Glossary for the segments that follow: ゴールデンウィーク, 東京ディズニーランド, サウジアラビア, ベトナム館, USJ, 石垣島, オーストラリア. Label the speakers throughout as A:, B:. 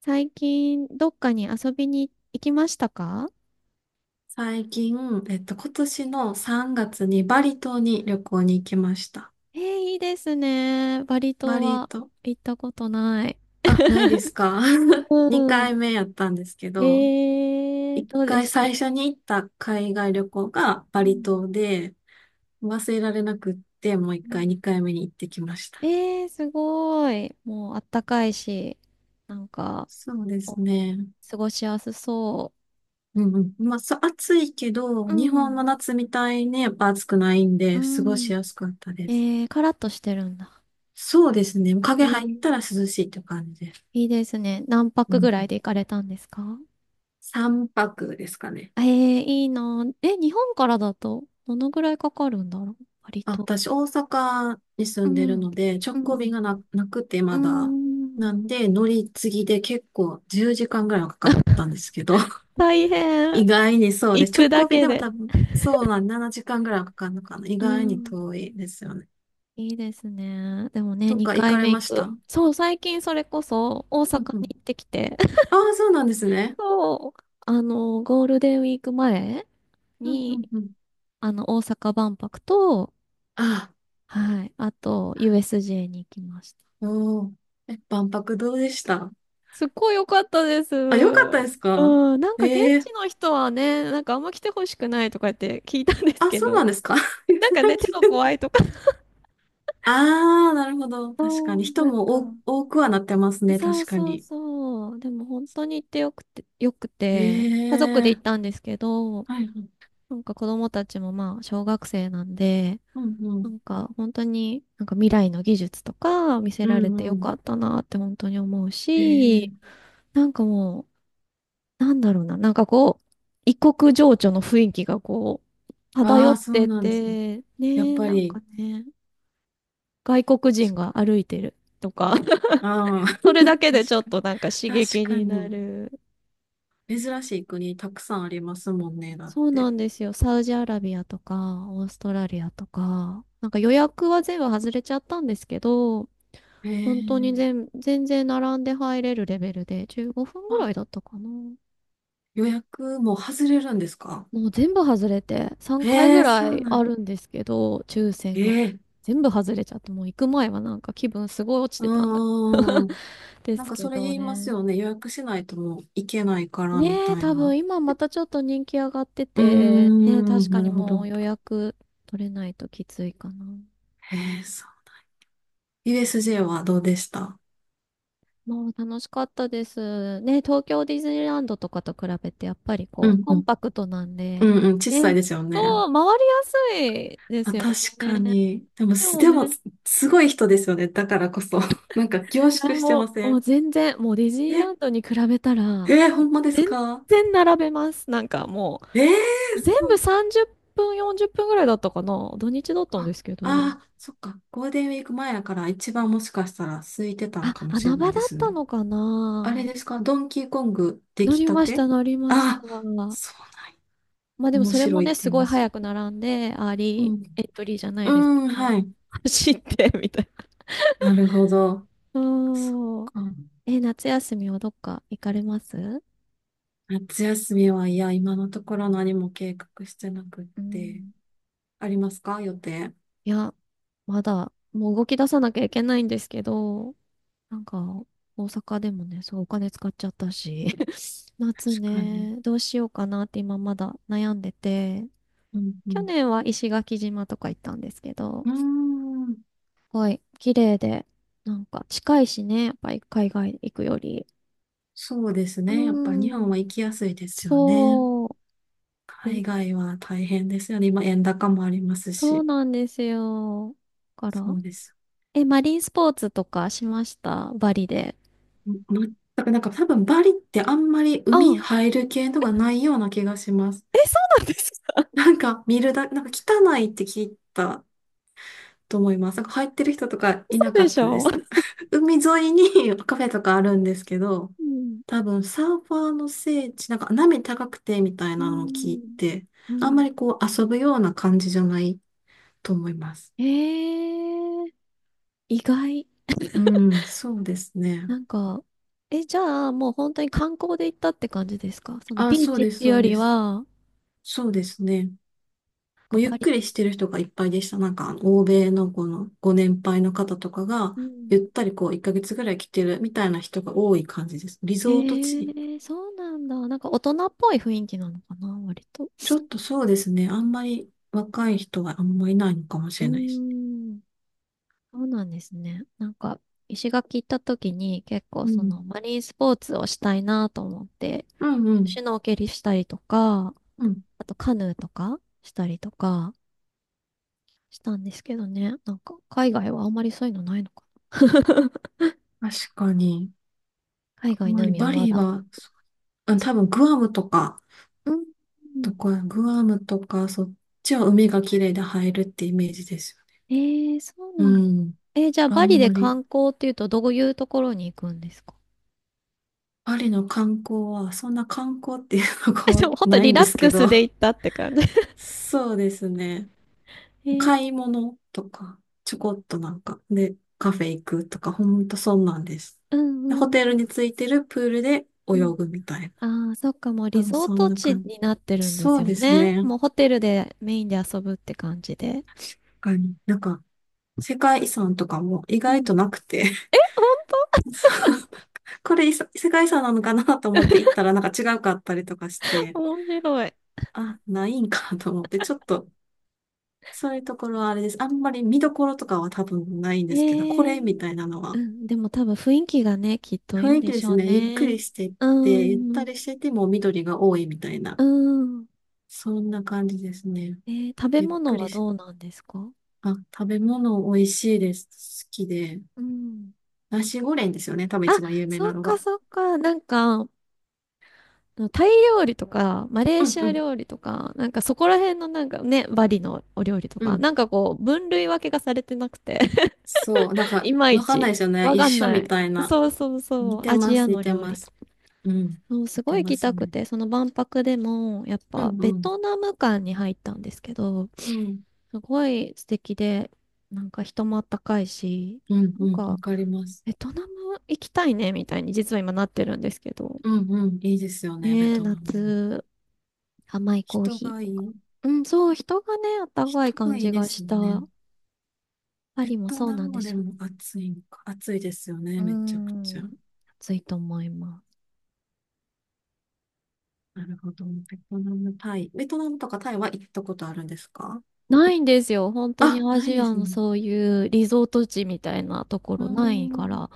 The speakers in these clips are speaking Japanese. A: 最近、どっかに遊びに行きましたか？
B: 最近、今年の3月にバリ島に旅行に行きました。
A: えー、いいですね。バリ島
B: バリ
A: は
B: 島、
A: 行ったことない。
B: あ、ないですか？
A: う
B: 2
A: ん。
B: 回目 やったんですけど、1
A: どうで
B: 回
A: した？
B: 最初に行った海外旅行が
A: う
B: バリ
A: ん
B: 島で、忘れられなくって、もう1
A: う
B: 回
A: ん。
B: 2回目に行ってきました。
A: すごい。もうあったかいし、なんか、
B: そうで
A: お
B: すね。
A: 過ごしやすそ
B: うんうん。まあ、そう、暑いけど、
A: う。う
B: 日本の
A: ん。
B: 夏みたいにやっぱ暑くないん
A: う
B: で、過ごし
A: ん。
B: やすかったです。
A: カラッとしてるんだ。
B: そうですね。
A: え
B: 影入った
A: ー
B: ら涼しいって感じです。
A: いいですね。何
B: う
A: 泊ぐ
B: ん、
A: らいで行かれたんですか？
B: 3泊ですかね。
A: ええ、いいな。え、日本からだと、どのぐらいかかるんだろう割
B: あ、
A: と。
B: 私、大阪に
A: う
B: 住んでる
A: ん。
B: ので、
A: う
B: 直行便
A: ん。
B: がなくて
A: う
B: まだ。
A: ん。
B: なんで、乗り継ぎで結構10時間ぐらいはかかったんですけど、
A: 大変。
B: 意外にそうで
A: 行
B: す。
A: く
B: 直
A: だ
B: 行便
A: け
B: でも
A: で。
B: 多分、そうなん、7時間ぐらいはかかるのかな。意
A: う
B: 外に
A: ん。
B: 遠いですよね。
A: いいですね。でもね、
B: とか、行
A: 2回
B: かれ
A: 目
B: ま
A: 行
B: した？
A: く。
B: う
A: そう、最近それこそ大
B: ん
A: 阪
B: う
A: に
B: ん。
A: 行ってきて、
B: ああ、そうなんですね。
A: そう。ゴールデンウィーク前
B: うんうん
A: に、
B: うん。
A: 大阪万博と、
B: あ
A: はい、あと、USJ に行きました。
B: あ、おー。え、万博どうでした？
A: すっごい良かったです。
B: あ、よかったですか？
A: うん、なん
B: え
A: か現
B: え
A: 地
B: ー。
A: の人はね、なんかあんま来てほしくないとかって聞いたんです
B: あ、
A: け
B: そうなん
A: ど、
B: ですか？ い や、
A: なん
B: そ
A: か
B: れは
A: ね、手
B: 聞い
A: が怖
B: て。
A: いとか。
B: ああ、なるほど。確か
A: そう、
B: に。人
A: なんか。
B: も多くはなってますね。
A: そう
B: 確か
A: そう
B: に。
A: そう。でも本当に行ってよくて、よく
B: え
A: て、家族
B: え
A: で行っ
B: ー。
A: たんですけど、
B: はいはい。
A: なんか子供たちもまあ小学生なんで、
B: うんう
A: な
B: ん。
A: んか本当になんか未来の技術とか見せ
B: う
A: られて
B: んう
A: よか
B: ん。
A: ったなって本当に思う
B: ええ
A: し、
B: ー。
A: なんかもうなんだろうな、なんかこう、異国情緒の雰囲気がこう、
B: あ
A: 漂
B: あ、
A: っ
B: そう
A: て
B: なんですね。
A: て、
B: やっ
A: ねえ、
B: ぱ
A: なんか
B: り、
A: ね、外国人
B: 確か
A: が
B: に。
A: 歩いてるとか、
B: ああ。
A: それだ けでち
B: 確
A: ょっ
B: かに。
A: となんか刺
B: 確
A: 激
B: か
A: にな
B: に。
A: る。
B: 珍しい国たくさんありますもんね。だっ
A: そう
B: て。
A: なんですよ。サウジアラビアとか、オーストラリアとか、なんか予約は全部外れちゃったんですけど、
B: ええ
A: 本当に
B: ー。
A: 全然並んで入れるレベルで、15分ぐら
B: あ、
A: いだったかな。
B: 予約も外れるんですか？
A: もう全部外れて、3
B: え
A: 回
B: え
A: ぐ
B: ー、そ
A: ら
B: う
A: い
B: な
A: あ
B: ん。
A: るんですけど、抽
B: え
A: 選が。
B: えー。
A: 全部外れちゃって、もう行く前はなんか気分すごい落ち
B: う
A: てたんだ。
B: んうんう ん。
A: で
B: なん
A: す
B: か
A: け
B: それ
A: ど
B: 言います
A: ね。
B: よね。予約しないともう行けないからみ
A: ねえ、
B: たい
A: 多
B: な。
A: 分今またちょっと人気上がって
B: うー
A: て、ねえ、確
B: ん、
A: か
B: な
A: に
B: るほ
A: も
B: ど。
A: う予約取れないときついかな。
B: へえ、そう。USJ はどうでした？
A: もう楽しかったです。ねえ、東京ディズニーランドとかと比べてやっぱり
B: う
A: こう、
B: ん
A: コ
B: う
A: ン
B: ん。
A: パクトなんで、
B: うん
A: ね
B: うん、小さ
A: え、
B: いですよね。
A: そう、回りやすいで
B: あ、
A: すよ
B: 確か
A: ね。
B: に。でも、
A: で
B: す、
A: も
B: でも、
A: ね、
B: すごい人ですよね。だからこそ。なんか凝
A: いや、
B: 縮して
A: も
B: ま
A: う、
B: せ
A: もう
B: ん？
A: 全然、もうディズニーラン
B: え、
A: ドに比べたら、
B: えー、ほんまです
A: 全
B: か？
A: 然並べます。なんかも
B: ええ
A: う、全
B: ー、そ
A: 部
B: う。
A: 30分、40分ぐらいだったかな。土日だったんで
B: あ、
A: すけど。
B: あー、そっか。ゴールデンウィーク前やから一番もしかしたら空いてたの
A: あ、
B: かもしれ
A: 穴
B: な
A: 場
B: いで
A: だっ
B: す
A: た
B: ね。
A: のか
B: あれ
A: な。
B: ですか、ドンキーコング出
A: 乗
B: 来
A: り
B: た
A: まし
B: て？
A: た、乗りまし
B: ああー、
A: た。
B: そうなんや。
A: まあでも
B: 面
A: それも
B: 白いっ
A: ね、
B: て
A: す
B: 言い
A: ごい
B: ます。
A: 早く並んで、アー
B: う
A: リ
B: ん。
A: ーエントリーじゃない
B: う
A: ですけ
B: ん、
A: ど、
B: はい。
A: 走って、みたい
B: なるほど。
A: な。
B: そっ
A: うん。
B: か。
A: え、夏休みはどっか行かれます？
B: 夏休みは、いや、今のところ何も計画してなくっ
A: う
B: て。
A: ん。
B: ありますか、予定？
A: いや、まだ、もう動き出さなきゃいけないんですけど、なんか、大阪でもね、すごいお金使っちゃったし、夏
B: 確かに。
A: ね、どうしようかなって今まだ悩んでて、
B: うんう
A: 去
B: ん。
A: 年は石垣島とか行ったんですけど、
B: うー
A: す
B: ん。
A: ごい綺麗で、なんか近いしね、やっぱり海外行くより。
B: そうです
A: うー
B: ね。やっぱ日本
A: ん、
B: は行きやすいですよね。
A: そう、え、
B: 海外は大変ですよね。今、円高もあります
A: そう
B: し。
A: なんですよ。だか
B: そ
A: ら、
B: うです。
A: え、マリンスポーツとかしました？バリで。
B: ま、全く、なんか多分バリってあんまり
A: う
B: 海
A: ん。
B: 入る系のがないような気がします。
A: え、そうなんですか？
B: なんか見るだ、なんか汚いって聞いたと思います。なんか入ってる人とかい
A: 嘘
B: なか
A: で
B: っ
A: し
B: たで
A: ょ？
B: す。海沿いに カフェとかあるんですけど、
A: うん。
B: 多分サーファーの聖地、なんか波高くてみたい
A: う
B: なのを聞い
A: ん。
B: て、
A: う
B: あんま
A: ん。
B: りこう遊ぶような感じじゃないと思います。
A: ええ、意外。
B: うん、そうですね。
A: なんか、え、じゃあ、もう本当に観光で行ったって感じですか？その
B: あ、
A: ビー
B: そう
A: チっ
B: です、
A: ていう
B: そう
A: よ
B: で
A: りは、
B: す。
A: なん
B: そうですね。も
A: か
B: うゆっ
A: パリ。
B: くりしてる人がいっぱいでした。なんか、あの欧米のこのご年配の方とかが、
A: う
B: ゆっ
A: ん。
B: たりこう、1ヶ月ぐらい来てるみたいな人が多い感じです。リゾート地。
A: ええ、そうなんだ。なんか大人っぽい雰囲気なのかな、割と。
B: ちょっとそうですね。あんまり若い人はあんまりいないのかもし
A: うー
B: れないですね。
A: ん。そうなんですね。なんか、石垣行った時に結構
B: う
A: そ
B: ん。
A: のマリンスポーツをしたいなと思って、
B: うんう
A: シュ
B: ん。
A: ノーケリしたりとか、
B: うん。
A: あとカヌーとかしたりとかしたんですけどね。なんか海外はあんまりそういうのないのかな。
B: 確かに。
A: 海
B: あん
A: 外
B: ま
A: の
B: り
A: 海は
B: バ
A: ま
B: リ
A: だ。
B: は、そう、あ、多分グアムとか、
A: うん。
B: どこや、グアムとか、そっちは海が綺麗で入るってイメージです。
A: えそうな
B: う
A: んだ。
B: ん。
A: じゃあ
B: あ
A: バリ
B: ん
A: で
B: まり、
A: 観光っていうとどういうところに行くんですか？
B: バリの観光は、そんな観光っていうの
A: で
B: が
A: も ほんと
B: ない
A: リ
B: ん
A: ラ
B: です
A: ック
B: けど、
A: スで行ったって感じ。
B: そうですね。
A: えー、
B: 買い物とか、ちょこっとなんか、で、カフェ行くとか、ほんとそんなんです。
A: うんう
B: でホ
A: んう
B: テルに
A: ん。
B: ついてるプールで
A: う
B: 泳
A: ん。
B: ぐみたいな。
A: ああ、そっか、もう
B: 多
A: リ
B: 分
A: ゾー
B: そん
A: ト
B: な
A: 地
B: 感じ。
A: になってるんで
B: そ
A: す
B: う
A: よ
B: です
A: ね。
B: ね。
A: もうホテルでメインで遊ぶって感じで。
B: 確かになんか、世界遺産とかも意
A: う
B: 外と
A: ん。
B: なくて。
A: 本
B: そう、これ、いさ世界遺産なのかなと思って行ったらなんか違うかったりとかして、
A: 当面白い。
B: あ、ないんかと思って、ちょっと、そういうところはあれです。あんまり見どころとかは多分ないん
A: え
B: ですけど、こ
A: ー
B: れみたいなの
A: う
B: は
A: ん、でも多分雰囲気がね、きっといい
B: 雰
A: ん
B: 囲
A: で
B: 気で
A: し
B: す
A: ょう
B: ね。ゆっくり
A: ね。
B: してって、
A: う
B: ゆった
A: ん、
B: りしてても緑が多いみたいな。
A: うん。
B: そんな感じですね。
A: 食べ
B: ゆっく
A: 物
B: り
A: は
B: し、
A: どうなんですか？
B: あ、食べ物美味しいです。好きで。
A: うん。
B: ナシゴレンですよね。多分
A: あ、
B: 一番有名
A: そっ
B: なの
A: か
B: が。
A: そっか。なんか、タイ料理とか、マレー
B: うん
A: シ
B: う
A: ア
B: ん
A: 料理とか、なんかそこら辺のなんかね、バリのお料理と
B: う
A: か、
B: ん。
A: なんかこう、分類分けがされてなくて
B: そう。なん か、
A: いまい
B: わかんな
A: ち、
B: いですよね。
A: わ
B: 一
A: かん
B: 緒
A: な
B: み
A: い。
B: たいな。
A: そうそうそ
B: 似
A: う、
B: て
A: ア
B: ま
A: ジア
B: す、似
A: の
B: て
A: 料
B: ま
A: 理。
B: す。うん。
A: そう、
B: 似
A: すご
B: て
A: い行
B: ま
A: き
B: す
A: たく
B: ね。
A: て、その万博でも、やっ
B: う
A: ぱ
B: ん
A: ベ
B: うん。
A: トナム館に入ったんですけど、
B: うん。
A: すごい素敵で、なんか人もあったかいし、
B: うん
A: なん
B: うん。わ
A: か、
B: かります。
A: ベトナム行きたいね、みたいに実は今なってるんですけど。
B: うんうん。いいですよね。ベ
A: ねえ、
B: トナムも。
A: 夏、甘いコー
B: 人
A: ヒ
B: が
A: ー
B: い
A: とか。
B: い。
A: うん、そう、人がね、あったかい
B: 人
A: 感
B: がいい
A: じ
B: で
A: が
B: す
A: し
B: よ
A: た。
B: ね。
A: パ
B: ベ
A: リも
B: ト
A: そう
B: ナ
A: なん
B: ム
A: で
B: もで
A: しょうね。
B: も暑いんか。暑いですよね、
A: う
B: めちゃくちゃ。
A: ん、暑いと思います。
B: なるほど。ベトナム、タイ。ベトナムとかタイは行ったことあるんですか？
A: ないんですよ。本当に
B: あ、
A: ア
B: ない
A: ジ
B: で
A: ア
B: す
A: の
B: ね。
A: そういうリゾート地みたいなとこ
B: うー
A: ろないか
B: ん。
A: ら。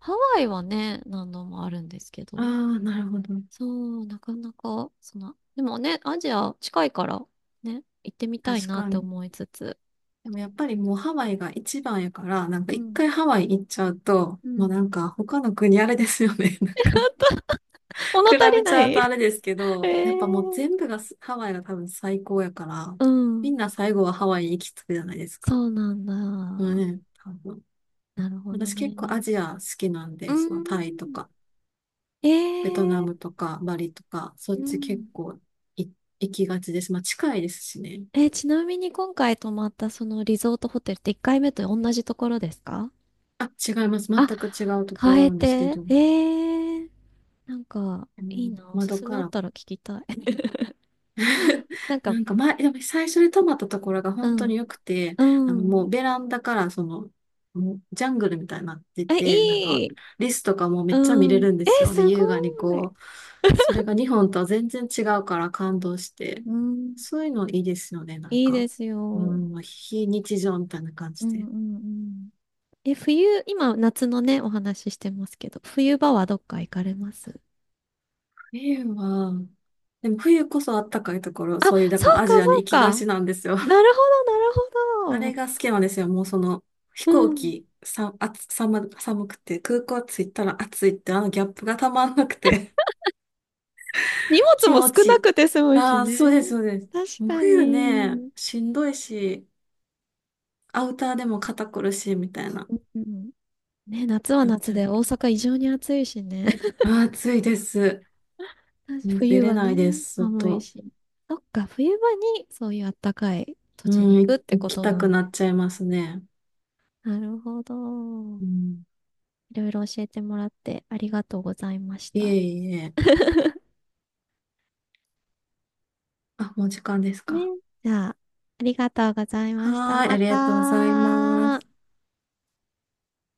A: ハワイはね、何度もあるんですけ
B: あ
A: ど。
B: あ、なるほど。
A: そう、なかなか、でもね、アジア近いから、ね、行ってみたい
B: 確
A: なっ
B: か
A: て
B: に。
A: 思いつつ。
B: でもやっぱりもうハワイが一番やから、なんか
A: う
B: 一
A: ん、
B: 回ハワイ行っちゃうと、
A: う
B: もう
A: ん。
B: なんか他の国あれですよね。なんか
A: 物
B: 比
A: 足り
B: べち
A: ない
B: ゃう とあれですけど、
A: え
B: やっぱもう
A: え。
B: 全部がすハワイが多分最高やから、
A: う
B: みん
A: ん。
B: な最後はハワイ行き着くじゃないですか。
A: そうなん
B: うん
A: だ。
B: ね、多分。
A: なるほど
B: 私結
A: ね。
B: 構アジア好きなん
A: うー
B: で、そのタイと
A: ん。
B: か、
A: え
B: ベトナ
A: え。
B: ムとか、バリとか、そ
A: う
B: っち結
A: ん。
B: 構い行きがちです。まあ近いですしね。
A: ちなみに今回泊まったそのリゾートホテルって1回目と同じところですか？
B: あ、違います。全
A: あ、
B: く違うとこ
A: 変
B: ろ
A: え
B: なんですけ
A: て。
B: ど、
A: ええ、なんか、
B: あ
A: いい
B: の
A: な。おす
B: 窓
A: すめ
B: か
A: あっ
B: ら、
A: たら聞きたい。なんか、
B: なんか前、でも最初に泊まったところが
A: う
B: 本当
A: ん。
B: に良くて、
A: う
B: あのも
A: ん。
B: うベランダからその、もうジャングルみたいになって
A: え、
B: て、なんか
A: いい。
B: リスとかもめっちゃ見
A: う
B: れ
A: ん。
B: るんです
A: え、
B: よ。で、
A: すご
B: 優雅に
A: い。
B: こう、それが日本とは全然違うから感動して、
A: うん。
B: そういうのいいですよね、なん
A: いい
B: か。
A: ですよ。
B: う
A: うん
B: ん、非日常みたいな感
A: う
B: じ
A: ん
B: で。
A: うん。え、冬、今、夏のね、お話ししてますけど、冬場はどっか行かれます？
B: 冬は、でも冬こそあったかいところ、
A: あ、
B: そういう、だ
A: そ
B: から
A: う
B: アジ
A: か、
B: アに
A: そう
B: 行きが
A: か。
B: ちなんですよ。
A: なるほど、なる
B: あ
A: ほ
B: れ
A: ど。
B: が好きなんですよ。もうその、飛
A: う
B: 行
A: ん。
B: 機、さ、寒くて、空港着いたら暑いって、あのギャップがたまんなくて、
A: 荷 物
B: 気
A: も
B: 持
A: 少
B: ちい
A: な
B: い。
A: くて済むし
B: ああ、そう
A: ね。
B: です、そうです。
A: 確
B: もう
A: か
B: 冬ね、
A: に。
B: しんどいし、アウターでも肩こるし、みたいな、
A: うんね、夏は
B: なっ
A: 夏
B: ちゃう。
A: で大阪異常に暑いしね。
B: ああ、暑いです。
A: 確か
B: もう出
A: 冬
B: れ
A: は
B: な
A: ね、
B: いです、
A: 寒い
B: 外。
A: し。そっか、冬場にそういうあったかい土
B: う
A: 地に行
B: ん、
A: くって
B: 行
A: こ
B: き
A: と
B: た
A: な
B: く
A: ん
B: な
A: で。
B: っちゃいますね。
A: なるほど。
B: うん。
A: いろいろ教えてもらってありがとうございまし
B: い
A: た。
B: えいえ。あ、もう時間です
A: ね。
B: か？
A: じゃあ、ありがとうございました。
B: はーい、あ
A: ま
B: りがとうございます。
A: た。